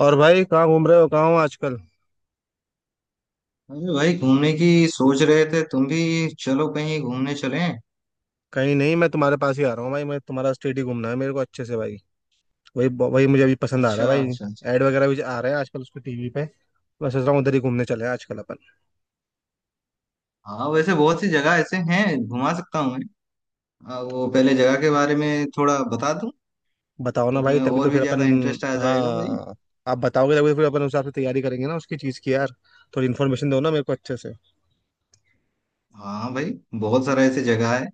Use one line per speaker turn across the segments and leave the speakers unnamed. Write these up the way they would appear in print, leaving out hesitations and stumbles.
और भाई कहाँ घूम रहे हो, कहाँ हो आजकल।
अरे भाई घूमने की सोच रहे थे तुम भी। चलो कहीं घूमने चलें।
कहीं नहीं, मैं तुम्हारे पास ही आ रहा हूँ भाई। मैं तुम्हारा स्टेट ही घूमना है मेरे को अच्छे से भाई। वही। वही मुझे अभी पसंद आ रहा है
अच्छा
भाई।
अच्छा अच्छा।
एड वगैरह भी आ रहे हैं आजकल उसको टीवी पे। मैं सोच रहा हूँ उधर ही घूमने चले हैं आजकल अपन।
हाँ वैसे बहुत सी जगह ऐसे हैं घुमा सकता हूँ मैं। वो पहले जगह के बारे में थोड़ा बता दूं
बताओ ना
तो
भाई,
तुम्हें
तभी तो
और भी
फिर अपन।
ज्यादा इंटरेस्ट आ जाएगा भाई।
हाँ। आप बताओगे तभी तो फिर अपन उस हिसाब से तैयारी करेंगे ना उसकी चीज़ की यार। थोड़ी इन्फॉर्मेशन दो ना मेरे को अच्छे से।
हाँ भाई बहुत सारा ऐसे जगह है।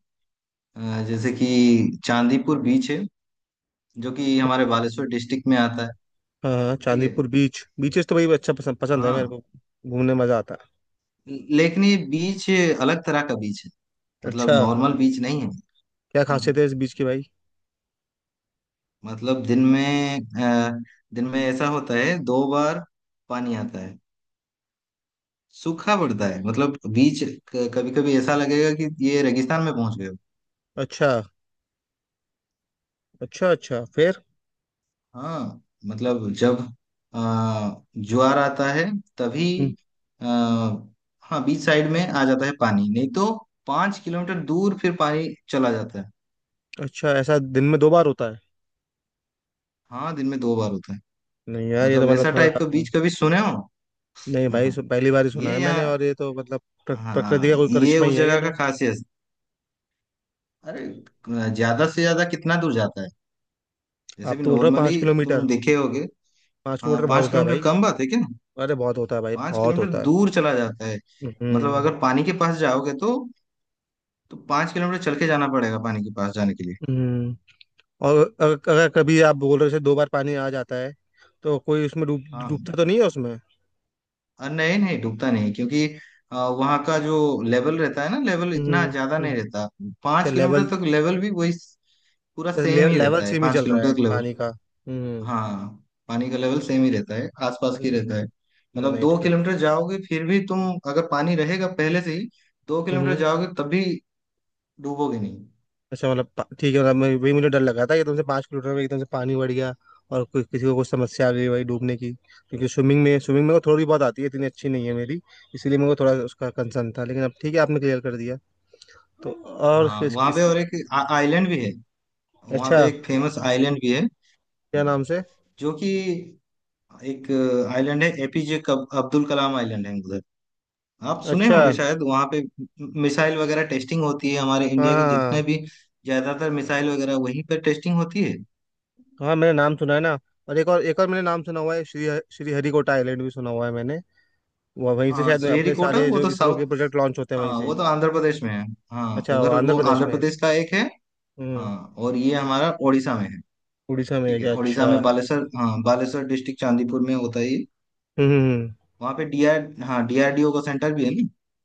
जैसे कि चांदीपुर बीच है जो कि हमारे बालेश्वर डिस्ट्रिक्ट में आता
हाँ हाँ,
है। ठीक है।
चांदीपुर बीच, बीचेस तो भाई अच्छा पसंद पसंद है
हाँ,
मेरे को। घूमने मजा आता
लेकिन ये बीच अलग तरह का बीच है।
है।
मतलब
अच्छा।
नॉर्मल बीच नहीं है।
क्या
हाँ।
खासियत है इस बीच की भाई?
मतलब दिन में दिन में ऐसा होता है दो बार पानी आता है। सूखा पड़ता है मतलब बीच। कभी कभी ऐसा लगेगा कि ये रेगिस्तान में पहुंच गए हो।
अच्छा अच्छा अच्छा, फिर?
हाँ मतलब जब आ, ज्वार आता है
हम्म।
तभी आ, हाँ बीच साइड में आ जाता है पानी, नहीं तो पांच किलोमीटर दूर फिर पानी चला जाता है।
अच्छा, ऐसा दिन में 2 बार होता है?
हाँ दिन में दो बार होता है।
नहीं यार, ये तो
मतलब
मतलब
ऐसा
थोड़ा।
टाइप का बीच कभी सुने हो।
नहीं भाई, पहली बार ही सुना
ये
है मैंने।
यहाँ
और ये तो मतलब प्रकृति
हाँ
का कोई
ये
करिश्मा
उस
ही है ये
जगह
तो।
का खासियत। अरे ज्यादा से ज्यादा कितना दूर जाता है जैसे
आप
भी
तो बोल रहे हो पाँच
नॉर्मली
किलोमीटर
तुम देखे होगे।
पाँच
हाँ
किलोमीटर बहुत
पांच
होता है
किलोमीटर
भाई।
कम बात है क्या।
अरे बहुत होता है भाई,
पांच
बहुत
किलोमीटर
होता है।
दूर चला जाता है। मतलब
हम्म।
अगर पानी के पास जाओगे तो पांच किलोमीटर चल के जाना पड़ेगा पानी के पास जाने के लिए।
हम्म। और अगर कभी आप बोल रहे हो जैसे 2 बार पानी आ जाता है, तो कोई उसमें डूब,
हाँ हाँ।
डूबता तो नहीं है उसमें?
और नहीं नहीं डूबता नहीं क्योंकि वहाँ का जो लेवल रहता है ना, लेवल इतना
हम्म।
ज्यादा
हम्म।
नहीं रहता।
तो
पांच किलोमीटर
लेवल,
तक लेवल भी वही पूरा
तो
सेम
ले,
ही
लेवल
रहता है
सेम ही
पांच
चल रहा
किलोमीटर
है
तक।
पानी का। हम्म।
हाँ पानी का लेवल
अच्छा।
सेम ही रहता है, आसपास की
नहीं,
रहता है। मतलब
नहीं,
दो किलोमीटर जाओगे फिर भी तुम, अगर पानी रहेगा पहले से ही दो किलोमीटर
फिर
जाओगे तब भी डूबोगे नहीं।
अच्छा, मतलब ठीक है, मतलब मैं वही मुझे डर लगा था कि तुमसे 5 किलोमीटर में एकदम से पानी बढ़ गया और कोई किसी को कुछ समस्या आ गई भाई डूबने की, क्योंकि स्विमिंग में, स्विमिंग में को थोड़ी बहुत आती है, इतनी अच्छी नहीं है मेरी। इसीलिए मेरे को थोड़ा उसका कंसर्न था, लेकिन अब ठीक है, आपने क्लियर कर दिया। तो और
हाँ
फिर
वहाँ पे
इसकी।
और एक आइलैंड भी है। वहाँ
अच्छा,
पे एक फेमस आइलैंड भी है
क्या नाम से?
जो कि एक आइलैंड है, एपीजे अब्दुल कलाम आइलैंड है उधर। आप सुने
अच्छा।
होंगे शायद, वहाँ पे मिसाइल वगैरह टेस्टिंग होती है। हमारे
हाँ
इंडिया के
हाँ हाँ।
जितने भी ज्यादातर मिसाइल वगैरह वहीं पर टेस्टिंग होती है।
हाँ, हाँ, मैंने नाम सुना है ना। और एक और मैंने नाम सुना हुआ है, श्री श्री हरिकोटा आइलैंड भी सुना हुआ है मैंने। वहीं से
हाँ
शायद अपने
श्रीहरिकोटा
सारे
वो
जो
तो
इसरो के
साउथ,
प्रोजेक्ट लॉन्च होते हैं वहीं
हाँ
से ही।
वो तो आंध्र प्रदेश में है। हाँ
अच्छा, वो
उधर
आंध्र
वो
प्रदेश
आंध्र
में है।
प्रदेश का एक है।
हम्म।
हाँ और ये हमारा उड़ीसा में है।
उड़ीसा में है
ठीक है,
क्या? अच्छा।
उड़ीसा में
हम्म।
बालेश्वर, हाँ बालेश्वर डिस्ट्रिक्ट चांदीपुर में होता है ये।
हम्म, हम्म।
वहाँ पे डीआरडीओ का सेंटर भी है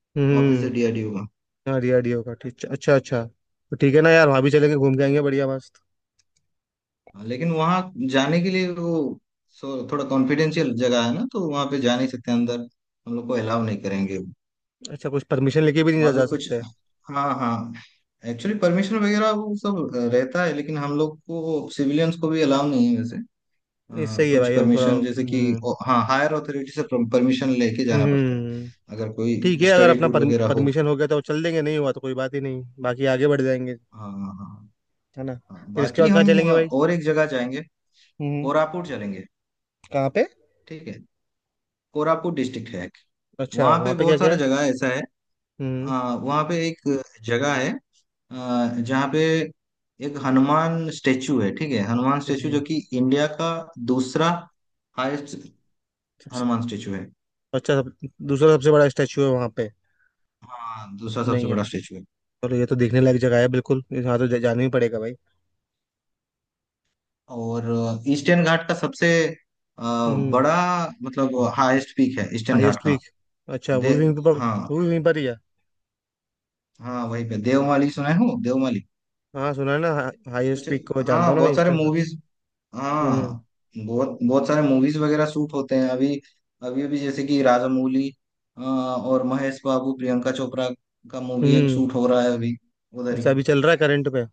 ना। ऑफिस है
हम्म।
डीआरडीओ का।
हाँ, डीआरडीओ का, ठीक। अच्छा अच्छा, तो ठीक है ना यार, वहाँ भी चलेंगे, घूम के आएंगे, बढ़िया मस्त।
हाँ, लेकिन वहाँ जाने के लिए वो थोड़ा कॉन्फिडेंशियल जगह है ना, तो वहाँ पे जा नहीं सकते अंदर। हम लोग को अलाउ नहीं करेंगे।
अच्छा, कुछ परमिशन लेके भी नहीं जा,
वहाँ पे
जा
कुछ
सकते?
हाँ हाँ एक्चुअली परमिशन वगैरह वो सब रहता है, लेकिन हम लोग को सिविलियंस को भी अलाउ नहीं है वैसे।
नहीं,
अ,
सही है
कुछ
भाई, अब थोड़ा।
परमिशन जैसे कि
हम्म।
हाँ हायर अथॉरिटी से परमिशन लेके जाना पड़ता है
हम्म।
अगर कोई
ठीक है, अगर
स्टडी
अपना
टूर वगैरह हो।
परमिशन हो गया तो चल देंगे, नहीं हुआ तो कोई बात ही नहीं, बाकी आगे बढ़ जाएंगे।
हाँ हाँ हाँ।
है ना?
हाँ।
फिर इसके
बाकी
बाद कहाँ चलेंगे भाई?
और एक जगह जाएंगे,
हम्म।
कोरापुट चलेंगे।
कहाँ पे?
ठीक है, कोरापुट डिस्ट्रिक्ट है एक।
अच्छा,
वहाँ
वहाँ
पे
पे क्या
बहुत
क्या
सारा
है?
जगह ऐसा है।
हम्म।
वहाँ पे एक जगह है अ, जहाँ पे एक हनुमान स्टेचू है। ठीक है, हनुमान स्टेचू जो
जी।
कि इंडिया का दूसरा हाईएस्ट
सबसे।
हनुमान स्टेचू है।
अच्छा, दूसरा सबसे बड़ा स्टैचू है वहाँ पे?
हाँ दूसरा सबसे
नहीं
बड़ा
यार,
स्टेचू है।
और ये तो देखने लायक जगह है, बिल्कुल यहाँ तो जाना ही पड़ेगा भाई।
और ईस्टर्न घाट का सबसे अ,
हम्म।
बड़ा, मतलब हाईएस्ट पीक है ईस्टर्न घाट
हाईएस्ट
का।
पीक। अच्छा, वो
दे
भी वहीं पर,
हाँ
वो भी वहीं पर ही है।
हाँ वहीं पे, देवमाली सुना हूँ, देवमाली।
हाँ सुना है ना। हा, हाईएस्ट
कुछ
पीक को जानता
हाँ
हूँ ना मैं
बहुत सारे
ईस्टर्न घाट से।
मूवीज,
हम्म।
हाँ बहुत बहुत सारे मूवीज वगैरह शूट होते हैं अभी। अभी जैसे कि राजामौली और महेश बाबू प्रियंका चोपड़ा का मूवी एक
हम्म।
शूट हो रहा है अभी उधर ही।
अच्छा, अभी चल रहा है करंट पे?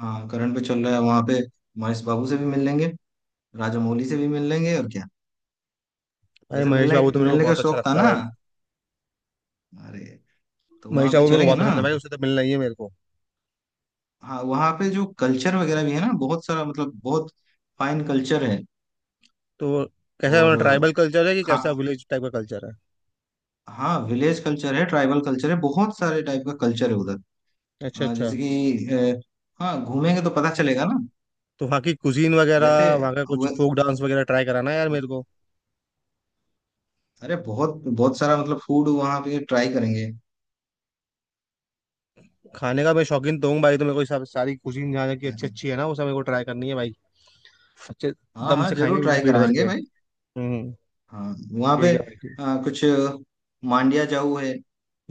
हाँ करंट पे चल रहा है वहां पे। महेश बाबू से भी मिल लेंगे, राजामौली से भी मिल लेंगे और क्या।
भाई,
वैसे
महेश
मिलने
बाबू तो मेरे को
मिलने का
बहुत अच्छा
शौक था
लगता है
ना,
भाई।
अरे तो
महेश
वहां पे
बाबू मेरे को
चलेंगे
बहुत
ना।
पसंद है भाई, उससे तो मिलना ही है मेरे को।
हाँ वहां पे जो कल्चर वगैरह भी है ना बहुत सारा, मतलब बहुत फाइन कल्चर है।
तो कैसा
और
ट्राइबल कल्चर है, कि
खा
कैसा विलेज टाइप का कल्चर है?
हाँ विलेज कल्चर है, ट्राइबल कल्चर है, बहुत सारे टाइप का कल्चर है उधर।
अच्छा
अ,
अच्छा।
जैसे कि अ, हाँ घूमेंगे तो पता चलेगा ना।
तो वहाँ की कुजीन
वैसे
वगैरह, वहाँ का कुछ
वे-
फोक डांस वगैरह ट्राई कराना यार मेरे को।
अरे बहुत बहुत सारा मतलब फूड वहाँ पे ट्राई करेंगे।
खाने का मैं शौकीन तो हूँ भाई, तो मेरे को ये सब सारी कुजीन जहाँ की अच्छी अच्छी है ना वो सब मेरे को ट्राई करनी है भाई। अच्छे
हाँ
दम
हाँ
से खाएंगे
जरूर
बिल्कुल
ट्राई
पेट भर के।
कराएंगे भाई।
हम्म।
हाँ वहाँ
ठीक
पे
है भाई, ठीक।
कुछ मांडिया जाऊ है,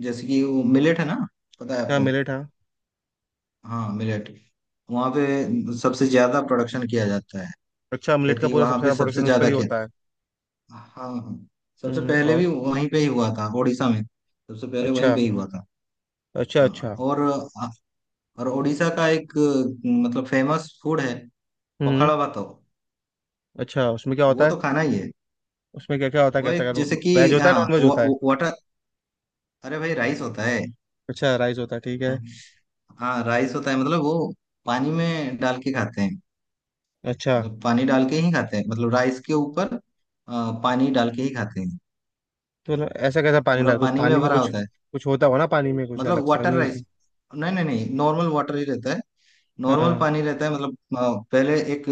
जैसे कि वो मिलेट है ना, पता है
हाँ,
आपको।
मिलेट, हाँ।
हाँ मिलेट वहाँ पे सबसे ज्यादा प्रोडक्शन किया जाता है,
अच्छा, मिलेट का
खेती
पूरा
वहाँ
सबसे
पे
ज्यादा प्रोडक्शन
सबसे
वहीं पर
ज्यादा
ही
किया।
होता है?
हाँ हाँ सबसे
हम्म,
पहले
और।
भी वहीं पे ही हुआ था, उड़ीसा में सबसे पहले
अच्छा।
वहीं पे ही हुआ था।
अच्छा
हाँ
अच्छा।
और उड़ीसा का एक मतलब फेमस फूड है,
हम्म।
पखाड़ा भात।
अच्छा, उसमें क्या
वो
होता
तो
है?
खाना ही है।
उसमें क्या क्या होता है,
वो
कैसा
एक
क्या?
जैसे कि
वेज होता है,
हाँ
नॉन वेज
वा,
होता है?
वा- वाटर, अरे भाई राइस होता है।
अच्छा, राइस होता है, ठीक है।
हाँ राइस होता है, मतलब वो पानी में डाल के खाते हैं।
अच्छा।
मतलब पानी डाल के ही खाते हैं, मतलब राइस के ऊपर पानी डाल के ही खाते हैं।
तो ऐसा कैसा पानी
पूरा
डाल, कुछ
पानी
पानी
में
में
भरा
कुछ?
होता है,
कुछ होता हो ना पानी में, कुछ अलग
मतलब
सा
वाटर
नहीं होता?
राइस। नहीं नहीं नहीं, नॉर्मल वाटर ही रहता है। नॉर्मल
हाँ।
पानी रहता है, मतलब पहले एक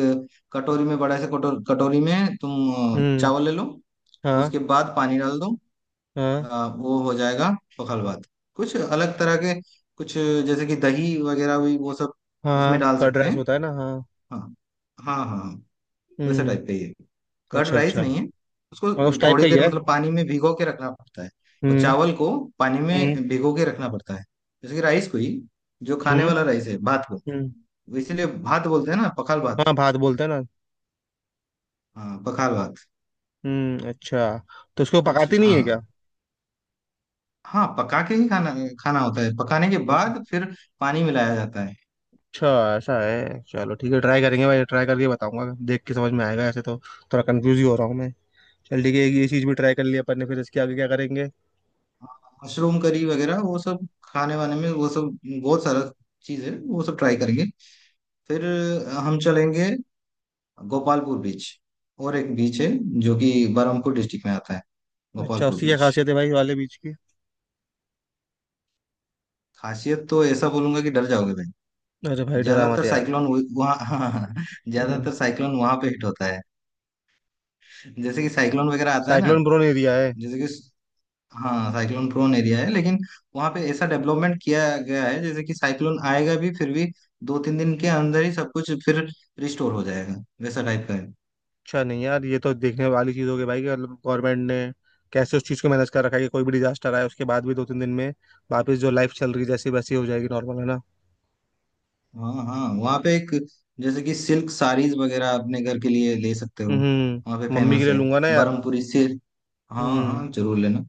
कटोरी में बड़ा से कटोरी में तुम
हम्म।
चावल ले लो,
हाँ।
उसके बाद पानी डाल दो,
हाँ।
वो हो जाएगा पखल भात। कुछ अलग तरह के कुछ, जैसे कि दही वगैरह भी वो सब उसमें
हाँ,
डाल
कर्ड
सकते
राइस
हैं।
होता है ना? हाँ।
हाँ हाँ हाँ हाँ। वैसे टाइप का ही
हम्म।
है, कर्ड
अच्छा
राइस
अच्छा।
नहीं है। उसको
और उस टाइप
थोड़ी
का ही
देर
है।
मतलब पानी में भिगो के रखना पड़ता है, और
हम्म।
चावल को पानी
हम्म।
में भिगो के रखना पड़ता है। जैसे कि राइस को ही, जो खाने
हम्म।
वाला राइस है भात को,
हम्म।
वो इसीलिए भात बोलते हैं ना, पखाल भात।
हाँ भात बोलते हैं ना।
हाँ पखाल भात।
हम्म, अच्छा। तो उसको
कुछ
पकाती नहीं है क्या?
हाँ हाँ पका के ही खाना खाना होता है, पकाने के
अच्छा।
बाद फिर पानी मिलाया जाता है।
अच्छा, ऐसा है, चलो ठीक है, ट्राई करेंगे भाई, ट्राई करके बताऊंगा, देख के समझ में आएगा, ऐसे तो थोड़ा कंफ्यूज ही हो रहा हूँ मैं। चल ठीक है, ये चीज़ भी ट्राई कर लिया अपन ने, फिर इसके आगे क्या करेंगे?
मशरूम करी वगैरह वो सब खाने वाने में, वो सब बहुत सारा चीज है वो सब ट्राई करेंगे। फिर हम चलेंगे गोपालपुर बीच, और एक बीच है जो कि बरहमपुर डिस्ट्रिक्ट में आता है,
अच्छा,
गोपालपुर
उसकी क्या
बीच।
खासियत है भाई वाले बीज की?
खासियत तो ऐसा बोलूंगा कि डर जाओगे भाई।
अरे भाई डरा मत
ज्यादातर
यार।
साइक्लोन वहाँ ज्यादातर साइक्लोन वहां पे हिट होता है। जैसे कि साइक्लोन वगैरह आता है ना,
साइक्लोन प्रोन एरिया है।
जैसे कि हाँ साइक्लोन प्रोन एरिया है, लेकिन वहां पे ऐसा डेवलपमेंट किया गया है जैसे कि साइक्लोन आएगा भी फिर भी दो तीन दिन के अंदर ही सब कुछ फिर रिस्टोर हो जाएगा, वैसा टाइप का है।
अच्छा, नहीं यार, ये तो देखने वाली चीज़ हो गई भाई कि मतलब गवर्नमेंट ने कैसे उस चीज़ को मैनेज कर रखा है कि कोई भी डिजास्टर आए उसके बाद भी 2-3 दिन में वापस जो लाइफ चल रही है, जैसी वैसी हो जाएगी, नॉर्मल, है ना।
हाँ हाँ वहाँ पे एक, जैसे कि सिल्क साड़ीज वगैरह अपने घर के लिए ले सकते हो। वहाँ पे
हम्म, मम्मी के
फेमस
लिए
है
लूंगा ना यार।
बरमपुरी सिल्क। हाँ
हम्म।
हाँ जरूर लेना।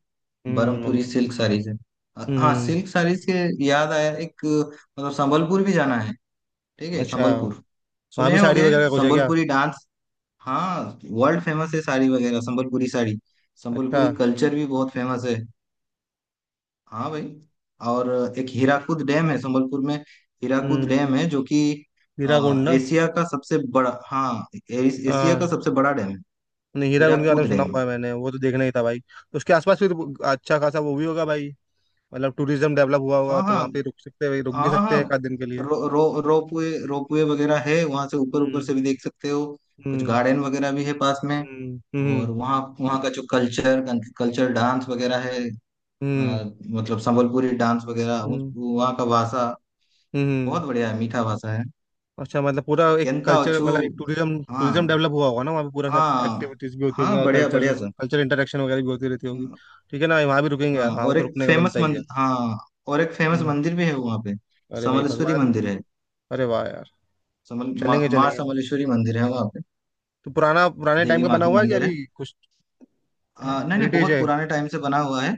हम्म,
बरमपुरी
मम्मी के लिए।
सिल्क साड़ीज है। हाँ
हम्म।
सिल्क साड़ीज के याद आया, एक मतलब संबलपुर भी जाना है। ठीक है,
अच्छा,
संबलपुर
वहाँ भी
सुने
साड़ी
होगे,
वगैरह का कुछ है क्या?
संबलपुरी डांस। हाँ वर्ल्ड फेमस है साड़ी वगैरह, संबलपुरी साड़ी।
अच्छा।
संबलपुरी कल्चर भी बहुत फेमस है। हाँ भाई। और एक हीराकुद डैम है संबलपुर में। हीराकुद
हम्म।
डैम है जो कि
हीराकुंड ना।
एशिया का सबसे बड़ा, एशिया का
हाँ।
सबसे बड़ा डैम है,
नहीं, हीराकुंड के बारे में
हीराकुद
सुना
डैम।
हुआ है मैंने, वो तो देखना ही था भाई, तो उसके आसपास फिर अच्छा खासा वो भी होगा भाई। मतलब टूरिज्म डेवलप हुआ होगा
हाँ
तो
हाँ
वहाँ पे रुक सकते हैं भाई, रुक भी
हाँ
सकते
हाँ
हैं एक आध दिन के लिए।
रो, रो, रोपवे, रोपवे वगैरह है वहां से, ऊपर ऊपर
हम्म।
से भी देख सकते हो। कुछ
हम्म।
गार्डन वगैरह भी है पास में।
हम्म।
और वहाँ वहाँ का जो कल्चर, कल्चर डांस वगैरह है,
हम्म।
अ, मतलब संबलपुरी डांस वगैरह।
हम्म।
वहाँ का भाषा
हम्म।
बहुत बढ़िया है, मीठा भाषा है,
अच्छा, मतलब पूरा एक
केंता
कल्चर,
ओछू।
मतलब एक टूरिज्म,
हाँ
टूरिज्म डेवलप हुआ होगा ना वहाँ पे, पूरा सब
हाँ
एक्टिविटीज भी होती होगी
हाँ
और
बढ़िया
कल्चर,
बढ़िया सर।
कल्चर इंटरेक्शन वगैरह भी होती रहती होगी।
हाँ
ठीक है ना, वहाँ भी रुकेंगे यार,
हाँ,
वहाँ पे
और
तो
एक
रुकने का
फेमस
बनता ही है।
मंदिर, हाँ और एक फेमस
हम्म।
मंदिर भी है वहाँ पे,
अरे भाई
समलेश्वरी
भगवान।
मंदिर है।
अरे वाह यार।
समल माँ
चलेंगे,
माँ
चलेंगे।
समलेश्वरी मंदिर है वहाँ पे।
तो पुराना, पुराने टाइम
देवी
का
माँ
बना
की
हुआ है कि
मंदिर
अभी
है।
कुछ?
हाँ, नहीं नहीं
हेरिटेज
बहुत
है।
पुराने टाइम से बना हुआ है।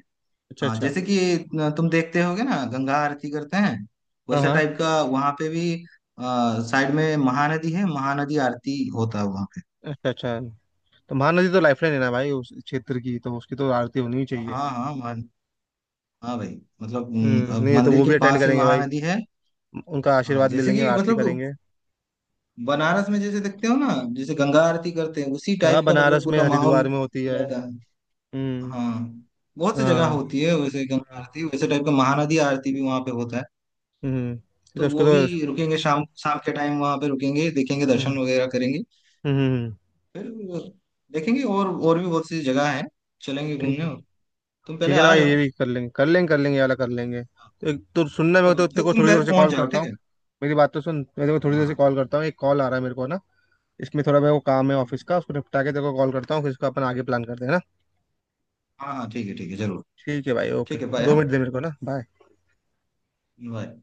अच्छा
हाँ
अच्छा।
जैसे कि न, तुम देखते होगे ना गंगा आरती करते हैं,
हाँ
वैसा
हाँ।
टाइप का वहाँ पे भी साइड में महानदी है, महानदी आरती होता है वहाँ पे।
अच्छा अच्छा, तो महानदी तो लाइफलाइन है ना भाई उस क्षेत्र की, तो उसकी तो आरती होनी ही चाहिए।
हाँ हाँ महान हाँ भाई, मतलब
हम्म,
अब
नहीं तो
मंदिर
वो
के
भी अटेंड
पास ही
करेंगे भाई,
महानदी है।
उनका
हाँ
आशीर्वाद ले
जैसे
लेंगे,
कि
आरती
मतलब
करेंगे।
बनारस में जैसे देखते हो ना, जैसे गंगा आरती करते हैं, उसी
हाँ,
टाइप का मतलब
बनारस में,
पूरा माहौल
हरिद्वार में होती है।
रहता है।
हम्म।
हाँ बहुत सी जगह
हाँ।
होती है वैसे गंगा
हाँ।
आरती, वैसे टाइप का महानदी आरती भी वहाँ पे होता है,
हम्म। तो
तो
उसको
वो
तो।
भी रुकेंगे। शाम शाम के टाइम वहाँ पे रुकेंगे, देखेंगे
हम्म,
दर्शन वगैरह करेंगे।
हम्म, हम्म।
फिर देखेंगे, और भी बहुत सी जगह है, चलेंगे
ठीक
घूमने।
है।
तुम
ठीक
पहले
है ना
आ
भाई, ये
जाओ।
भी कर लेंगे, कर लेंगे कर लेंगे, ये वाला कर लेंगे,
हाँ,
तो एक तो सुनने में, तो
अब
तेरे
फिर
को
तुम
थोड़ी देर
पहले
से
पहुंच
कॉल
जाओ
करता
ठीक
हूँ।
है।
मेरी बात तो सुन, मैं तेरे को थोड़ी
हाँ
देर से
हाँ
कॉल करता हूँ, एक कॉल आ रहा है मेरे को ना। इसमें थोड़ा मेरे को काम है
ठीक
ऑफिस
है।
का, उसको निपटा के तेरे को कॉल करता हूँ, फिर इसको अपन आगे प्लान करते हैं ना।
हाँ हाँ ठीक है, ठीक है जरूर।
ठीक है भाई, ओके।
ठीक है बाय।
दो
हाँ
मिनट दे मेरे को ना, बाय।
बाय।